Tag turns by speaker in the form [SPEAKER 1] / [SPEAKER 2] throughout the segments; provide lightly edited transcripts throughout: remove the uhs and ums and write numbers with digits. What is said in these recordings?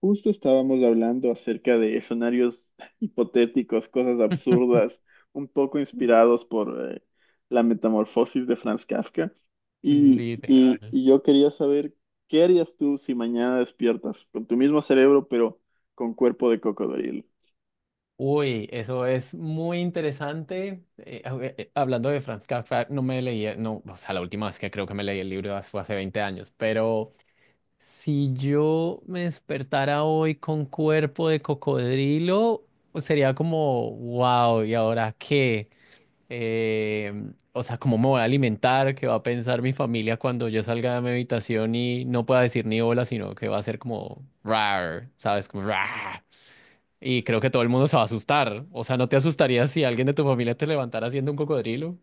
[SPEAKER 1] Justo estábamos hablando acerca de escenarios hipotéticos, cosas absurdas, un poco inspirados por la metamorfosis de Franz Kafka. Y, y-
[SPEAKER 2] Literal.
[SPEAKER 1] y yo quería saber, ¿qué harías tú si mañana despiertas con tu mismo cerebro, pero con cuerpo de cocodrilo?
[SPEAKER 2] Uy, eso es muy interesante. Hablando de Franz Kafka, no me leí, no, o sea, la última vez que creo que me leí el libro fue hace 20 años, pero si yo me despertara hoy con cuerpo de cocodrilo, pues sería como, wow, ¿y ahora qué? Eh, o sea, ¿cómo me voy a alimentar? ¿Qué va a pensar mi familia cuando yo salga de mi habitación y no pueda decir ni hola, sino que va a ser como, rar, ¿sabes? Como, rar. Y creo que todo el mundo se va a asustar. O sea, ¿no te asustaría si alguien de tu familia te levantara haciendo un cocodrilo?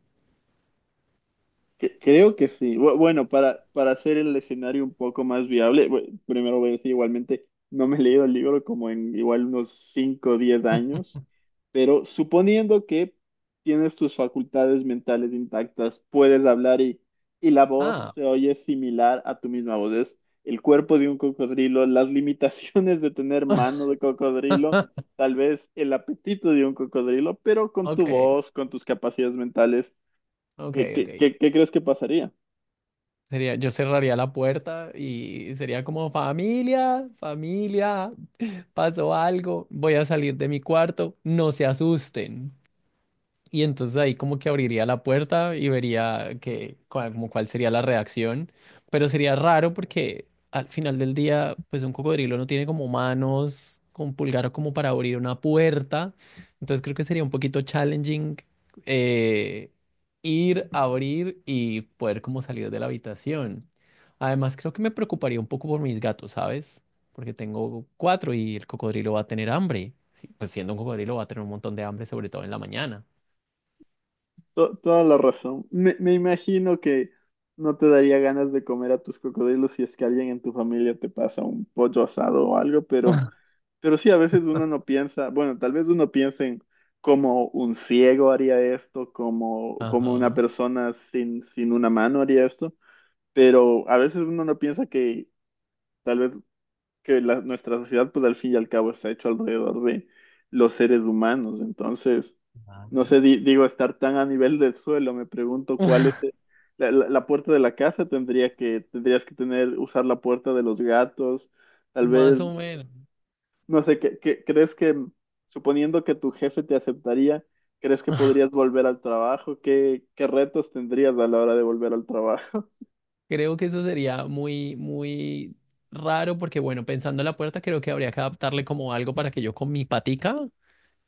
[SPEAKER 1] Creo que sí. Bueno, para hacer el escenario un poco más viable, primero voy a decir igualmente, no me he leído el libro como en igual unos 5 o 10 años, pero suponiendo que tienes tus facultades mentales intactas, puedes hablar y la voz
[SPEAKER 2] Ah,
[SPEAKER 1] se oye similar a tu misma voz. Es el cuerpo de un cocodrilo, las limitaciones de tener mano de cocodrilo, tal vez el apetito de un cocodrilo, pero con tu
[SPEAKER 2] ok,
[SPEAKER 1] voz, con tus capacidades mentales.
[SPEAKER 2] ok,
[SPEAKER 1] ¿Qué,
[SPEAKER 2] ok.
[SPEAKER 1] qué, qué- qué crees que pasaría?
[SPEAKER 2] Sería, yo cerraría la puerta y sería como familia, familia, pasó algo, voy a salir de mi cuarto, no se asusten. Y entonces ahí como que abriría la puerta y vería que, cuál- como cuál sería la reacción. Pero sería raro porque al final del día, pues un cocodrilo no tiene como manos con pulgar como para abrir una puerta. Entonces creo que sería un poquito challenging eh, ir, abrir y poder como salir de la habitación. Además creo que me preocuparía un poco por mis gatos, ¿sabes? Porque tengo cuatro y el cocodrilo va a tener hambre. Sí, pues siendo un cocodrilo va a tener un montón de hambre, sobre todo en la mañana.
[SPEAKER 1] Toda la razón. Me imagino que no te daría ganas de comer a tus cocodrilos si es que alguien en tu familia te pasa un pollo asado o algo, pero sí, a veces uno no piensa, bueno, tal vez uno piensa en cómo un ciego haría esto, cómo, cómo una
[SPEAKER 2] Ajá.
[SPEAKER 1] persona sin una mano haría esto, pero a veces uno no piensa que tal vez que nuestra sociedad, pues al fin y al cabo, está hecho alrededor de los seres humanos. Entonces, no sé, digo, estar tan a nivel del suelo, me pregunto cuál es la puerta de la casa tendrías que tener, usar la puerta de los gatos, tal vez,
[SPEAKER 2] Más o menos.
[SPEAKER 1] no sé, crees que, suponiendo que tu jefe te aceptaría, crees que podrías volver al trabajo? ¿Qué, qué retos tendrías a la hora de volver al trabajo?
[SPEAKER 2] Creo que eso sería muy, muy raro porque, bueno, pensando en la puerta, creo que habría que adaptarle como algo para que yo con mi patica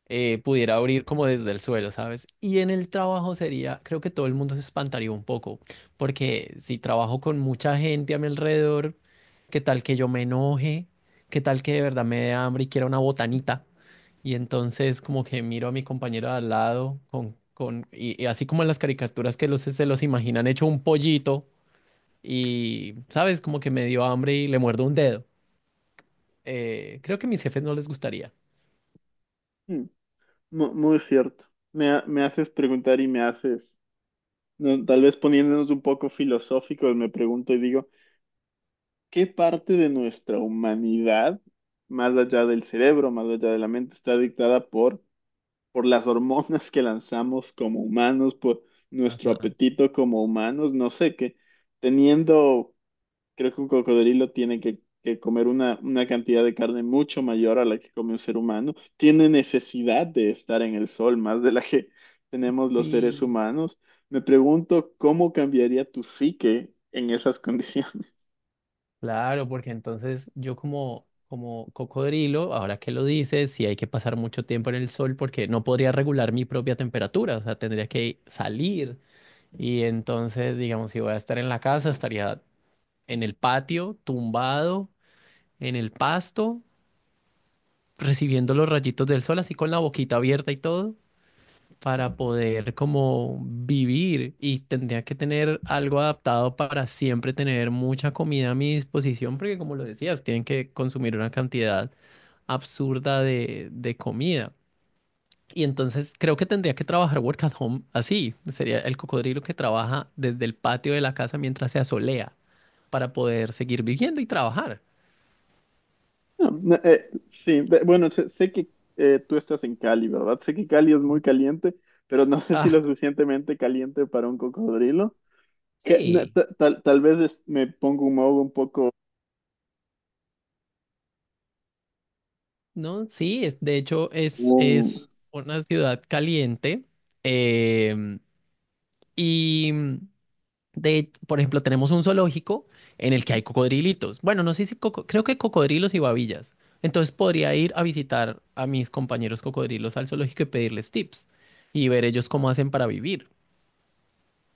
[SPEAKER 2] pudiera abrir como desde el suelo, ¿sabes? Y en el trabajo sería, creo que todo el mundo se espantaría un poco, porque si trabajo con mucha gente a mi alrededor, ¿qué tal que yo me enoje? ¿Qué tal que de verdad me dé hambre y quiera una botanita? Y entonces como que miro a mi compañero de al lado y así como en las caricaturas que se los imaginan hecho un pollito y, ¿sabes? Como que me dio hambre y le muerdo un dedo. Creo que a mis jefes no les gustaría.
[SPEAKER 1] Mm, Muy cierto. Me haces preguntar y me haces. No, tal vez poniéndonos un poco filosóficos, me pregunto y digo, ¿qué parte de nuestra humanidad, más allá del cerebro, más allá de la mente, está dictada por las hormonas que lanzamos como humanos, por nuestro
[SPEAKER 2] Ajá.
[SPEAKER 1] apetito como humanos? No sé, que teniendo. Creo que un cocodrilo tiene que comer una cantidad de carne mucho mayor a la que come un ser humano. Tiene necesidad de estar en el sol más de la que tenemos los seres
[SPEAKER 2] Sí.
[SPEAKER 1] humanos. Me pregunto cómo cambiaría tu psique en esas condiciones.
[SPEAKER 2] Claro, porque entonces yo como, como cocodrilo, ahora que lo dices, sí hay que pasar mucho tiempo en el sol porque no podría regular mi propia temperatura, o sea, tendría que salir. Y entonces, digamos, si voy a estar en la casa, estaría en el patio, tumbado en el pasto, recibiendo los rayitos del sol, así con la boquita abierta y todo, para poder como vivir. Y tendría que tener algo adaptado para siempre tener mucha comida a mi disposición, porque como lo decías, tienen que consumir una cantidad absurda de comida. Y entonces creo que tendría que trabajar work at home así. Sería el cocodrilo que trabaja desde el patio de la casa mientras se asolea para poder seguir viviendo y trabajar.
[SPEAKER 1] No, no, sí, bueno, sé, sé que tú estás en Cali, ¿verdad? Sé que Cali es muy caliente, pero no sé si
[SPEAKER 2] Ah,
[SPEAKER 1] lo suficientemente caliente para un cocodrilo. Que, na-
[SPEAKER 2] sí.
[SPEAKER 1] ta- tal, tal vez me pongo un modo un poco...
[SPEAKER 2] No, sí, es- de hecho es una ciudad caliente em, y de, por ejemplo, tenemos un zoológico en el que hay cocodrilitos. Bueno, no sé si coco- creo que cocodrilos y babillas. Entonces podría ir a visitar a mis compañeros cocodrilos al zoológico y pedirles tips y ver ellos cómo hacen para vivir.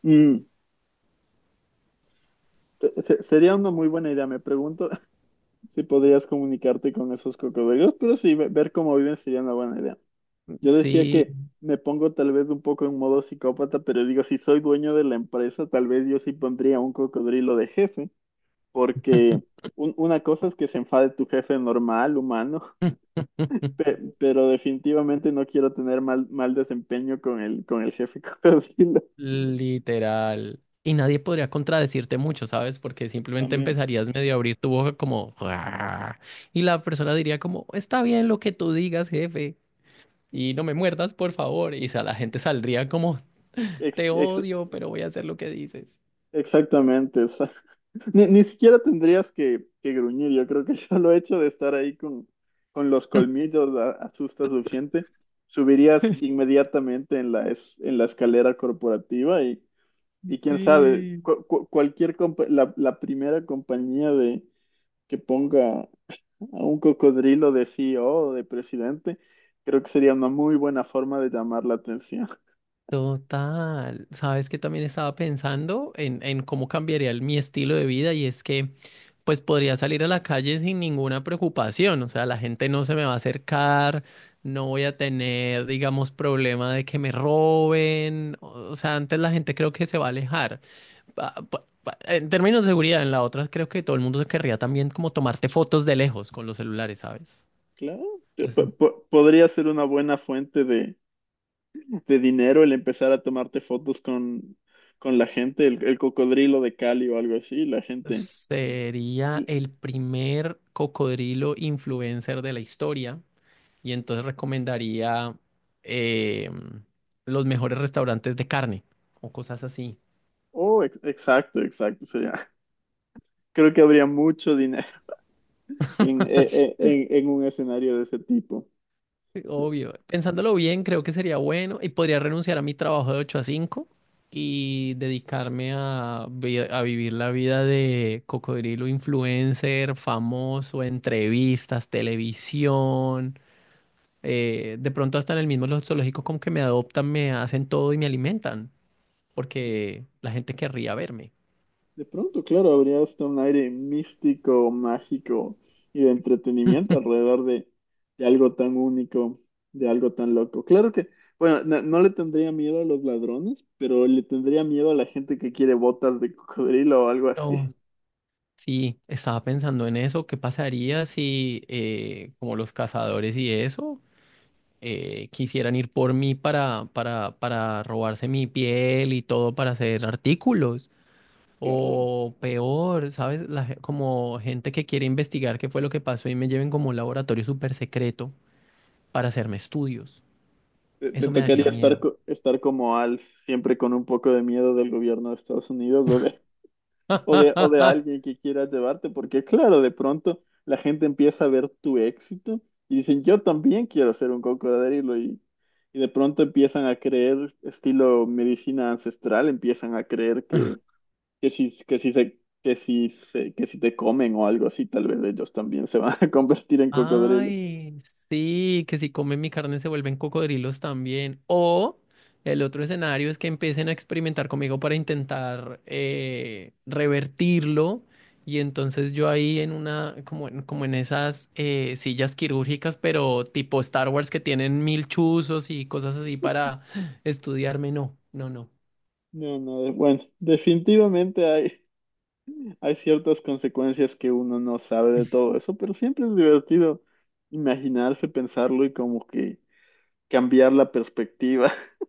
[SPEAKER 1] Un, Sería una muy buena idea, me pregunto si podrías comunicarte con esos cocodrilos, pero sí, ver cómo viven sería una buena idea. Yo decía
[SPEAKER 2] Sí.
[SPEAKER 1] que me pongo tal vez un poco en modo psicópata, pero digo, si soy dueño de la empresa, tal vez yo sí pondría un cocodrilo de jefe, porque una cosa es que se enfade tu jefe normal, humano, pero definitivamente no quiero tener mal desempeño con el jefe cocodrilo.
[SPEAKER 2] Literal. Y nadie podría contradecirte mucho, ¿sabes? Porque simplemente
[SPEAKER 1] También.
[SPEAKER 2] empezarías medio a abrir tu boca como... "Guau". Y la persona diría como, está bien lo que tú digas, jefe. Y no me muerdas, por favor. Y sa- la gente saldría como,
[SPEAKER 1] Ex-
[SPEAKER 2] te
[SPEAKER 1] ex-
[SPEAKER 2] odio, pero voy a hacer lo que dices.
[SPEAKER 1] exactamente. Ni, ni siquiera tendrías que gruñir. Yo creo que el solo hecho de estar ahí con los colmillos asusta suficiente. Subirías inmediatamente en en la escalera corporativa y quién sabe,
[SPEAKER 2] Sí.
[SPEAKER 1] cualquier la primera compañía de, que ponga a un cocodrilo de CEO o de presidente, creo que sería una muy buena forma de llamar la atención.
[SPEAKER 2] Total, sabes que también estaba pensando en cómo cambiaría el- mi estilo de vida y es que pues podría salir a la calle sin ninguna preocupación, o sea, la gente no se me va a acercar, no voy a tener, digamos, problema de que me roben, o sea, antes la gente creo que se va a alejar. En términos de seguridad, en la otra creo que todo el mundo se querría también como tomarte fotos de lejos con los celulares, ¿sabes?
[SPEAKER 1] Claro, podría ser una buena fuente de dinero el empezar a tomarte fotos con la gente, el cocodrilo de Cali o algo así, la gente.
[SPEAKER 2] Sería el primer cocodrilo influencer de la historia y entonces recomendaría eh, los mejores restaurantes de carne o cosas así.
[SPEAKER 1] Oh, exacto, exacto. Sería, creo que habría mucho dinero en, en un escenario de ese tipo.
[SPEAKER 2] Sí, obvio. Pensándolo bien, creo que sería bueno y podría renunciar a mi trabajo de 8 a 5 y dedicarme a, vi- a vivir la vida de cocodrilo influencer, famoso, entrevistas, televisión. De pronto hasta en el mismo lo- zoológico como que me adoptan, me hacen todo y me alimentan, porque la gente querría verme.
[SPEAKER 1] De pronto, claro, habría hasta un aire místico, mágico y de entretenimiento alrededor de algo tan único, de algo tan loco. Claro que, bueno, no, no le tendría miedo a los ladrones, pero le tendría miedo a la gente que quiere botas de cocodrilo o algo así.
[SPEAKER 2] Oh. Sí, estaba pensando en eso, ¿qué pasaría si como los cazadores y eso quisieran ir por mí para, robarse mi piel y todo para hacer artículos?
[SPEAKER 1] Claro.
[SPEAKER 2] O peor, ¿sabes? La ge- como gente que quiere investigar qué fue lo que pasó y me lleven como a un laboratorio súper secreto para hacerme estudios.
[SPEAKER 1] Te
[SPEAKER 2] Eso me
[SPEAKER 1] tocaría
[SPEAKER 2] daría
[SPEAKER 1] estar,
[SPEAKER 2] miedo.
[SPEAKER 1] estar como Alf, siempre con un poco de miedo del gobierno de Estados Unidos o de, o de alguien que quiera llevarte, porque claro, de pronto la gente empieza a ver tu éxito y dicen, yo también quiero ser un cocodrilo y de pronto empiezan a creer, estilo medicina ancestral, empiezan a creer que, que si se... Que si, que si te comen o algo así, tal vez ellos también se van a convertir en cocodrilos.
[SPEAKER 2] Ay, sí, que si comen mi carne se vuelven cocodrilos también. O el otro escenario es que empiecen a experimentar conmigo para intentar revertirlo. Y entonces yo ahí en como en esas sillas quirúrgicas, pero tipo Star Wars que tienen mil chuzos y cosas así para estudiarme. No, no, no.
[SPEAKER 1] No, no, bueno, definitivamente hay, hay ciertas consecuencias que uno no sabe de todo eso, pero siempre es divertido imaginarse, pensarlo y como que cambiar la perspectiva.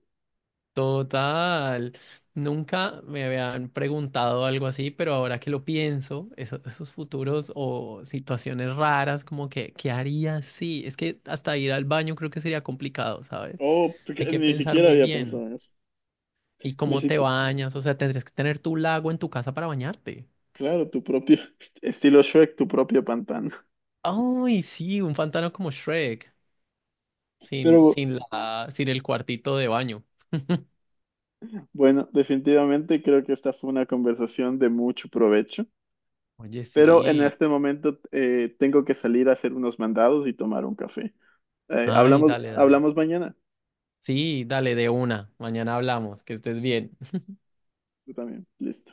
[SPEAKER 2] Total. Nunca me habían preguntado algo así, pero ahora que lo pienso, esos futuros o situaciones raras, como que, ¿qué haría si? Es que hasta ir al baño creo que sería complicado, ¿sabes?
[SPEAKER 1] Oh,
[SPEAKER 2] Hay
[SPEAKER 1] porque
[SPEAKER 2] que
[SPEAKER 1] ni
[SPEAKER 2] pensar
[SPEAKER 1] siquiera
[SPEAKER 2] muy
[SPEAKER 1] había
[SPEAKER 2] bien.
[SPEAKER 1] pensado en eso.
[SPEAKER 2] ¿Y
[SPEAKER 1] Ni
[SPEAKER 2] cómo te
[SPEAKER 1] siquiera,
[SPEAKER 2] bañas? O sea, tendrías que tener tu lago en tu casa para bañarte.
[SPEAKER 1] claro, tu propio estilo Shrek, tu propio pantano.
[SPEAKER 2] Ay, sí, un pantano como Shrek,
[SPEAKER 1] Pero
[SPEAKER 2] sin el cuartito de baño.
[SPEAKER 1] bueno, definitivamente creo que esta fue una conversación de mucho provecho.
[SPEAKER 2] Oye,
[SPEAKER 1] Pero en
[SPEAKER 2] sí.
[SPEAKER 1] este momento tengo que salir a hacer unos mandados y tomar un café.
[SPEAKER 2] Ay, dale, dale.
[SPEAKER 1] Hablamos mañana.
[SPEAKER 2] Sí, dale de una. Mañana hablamos. Que estés bien.
[SPEAKER 1] Tú también. Listo.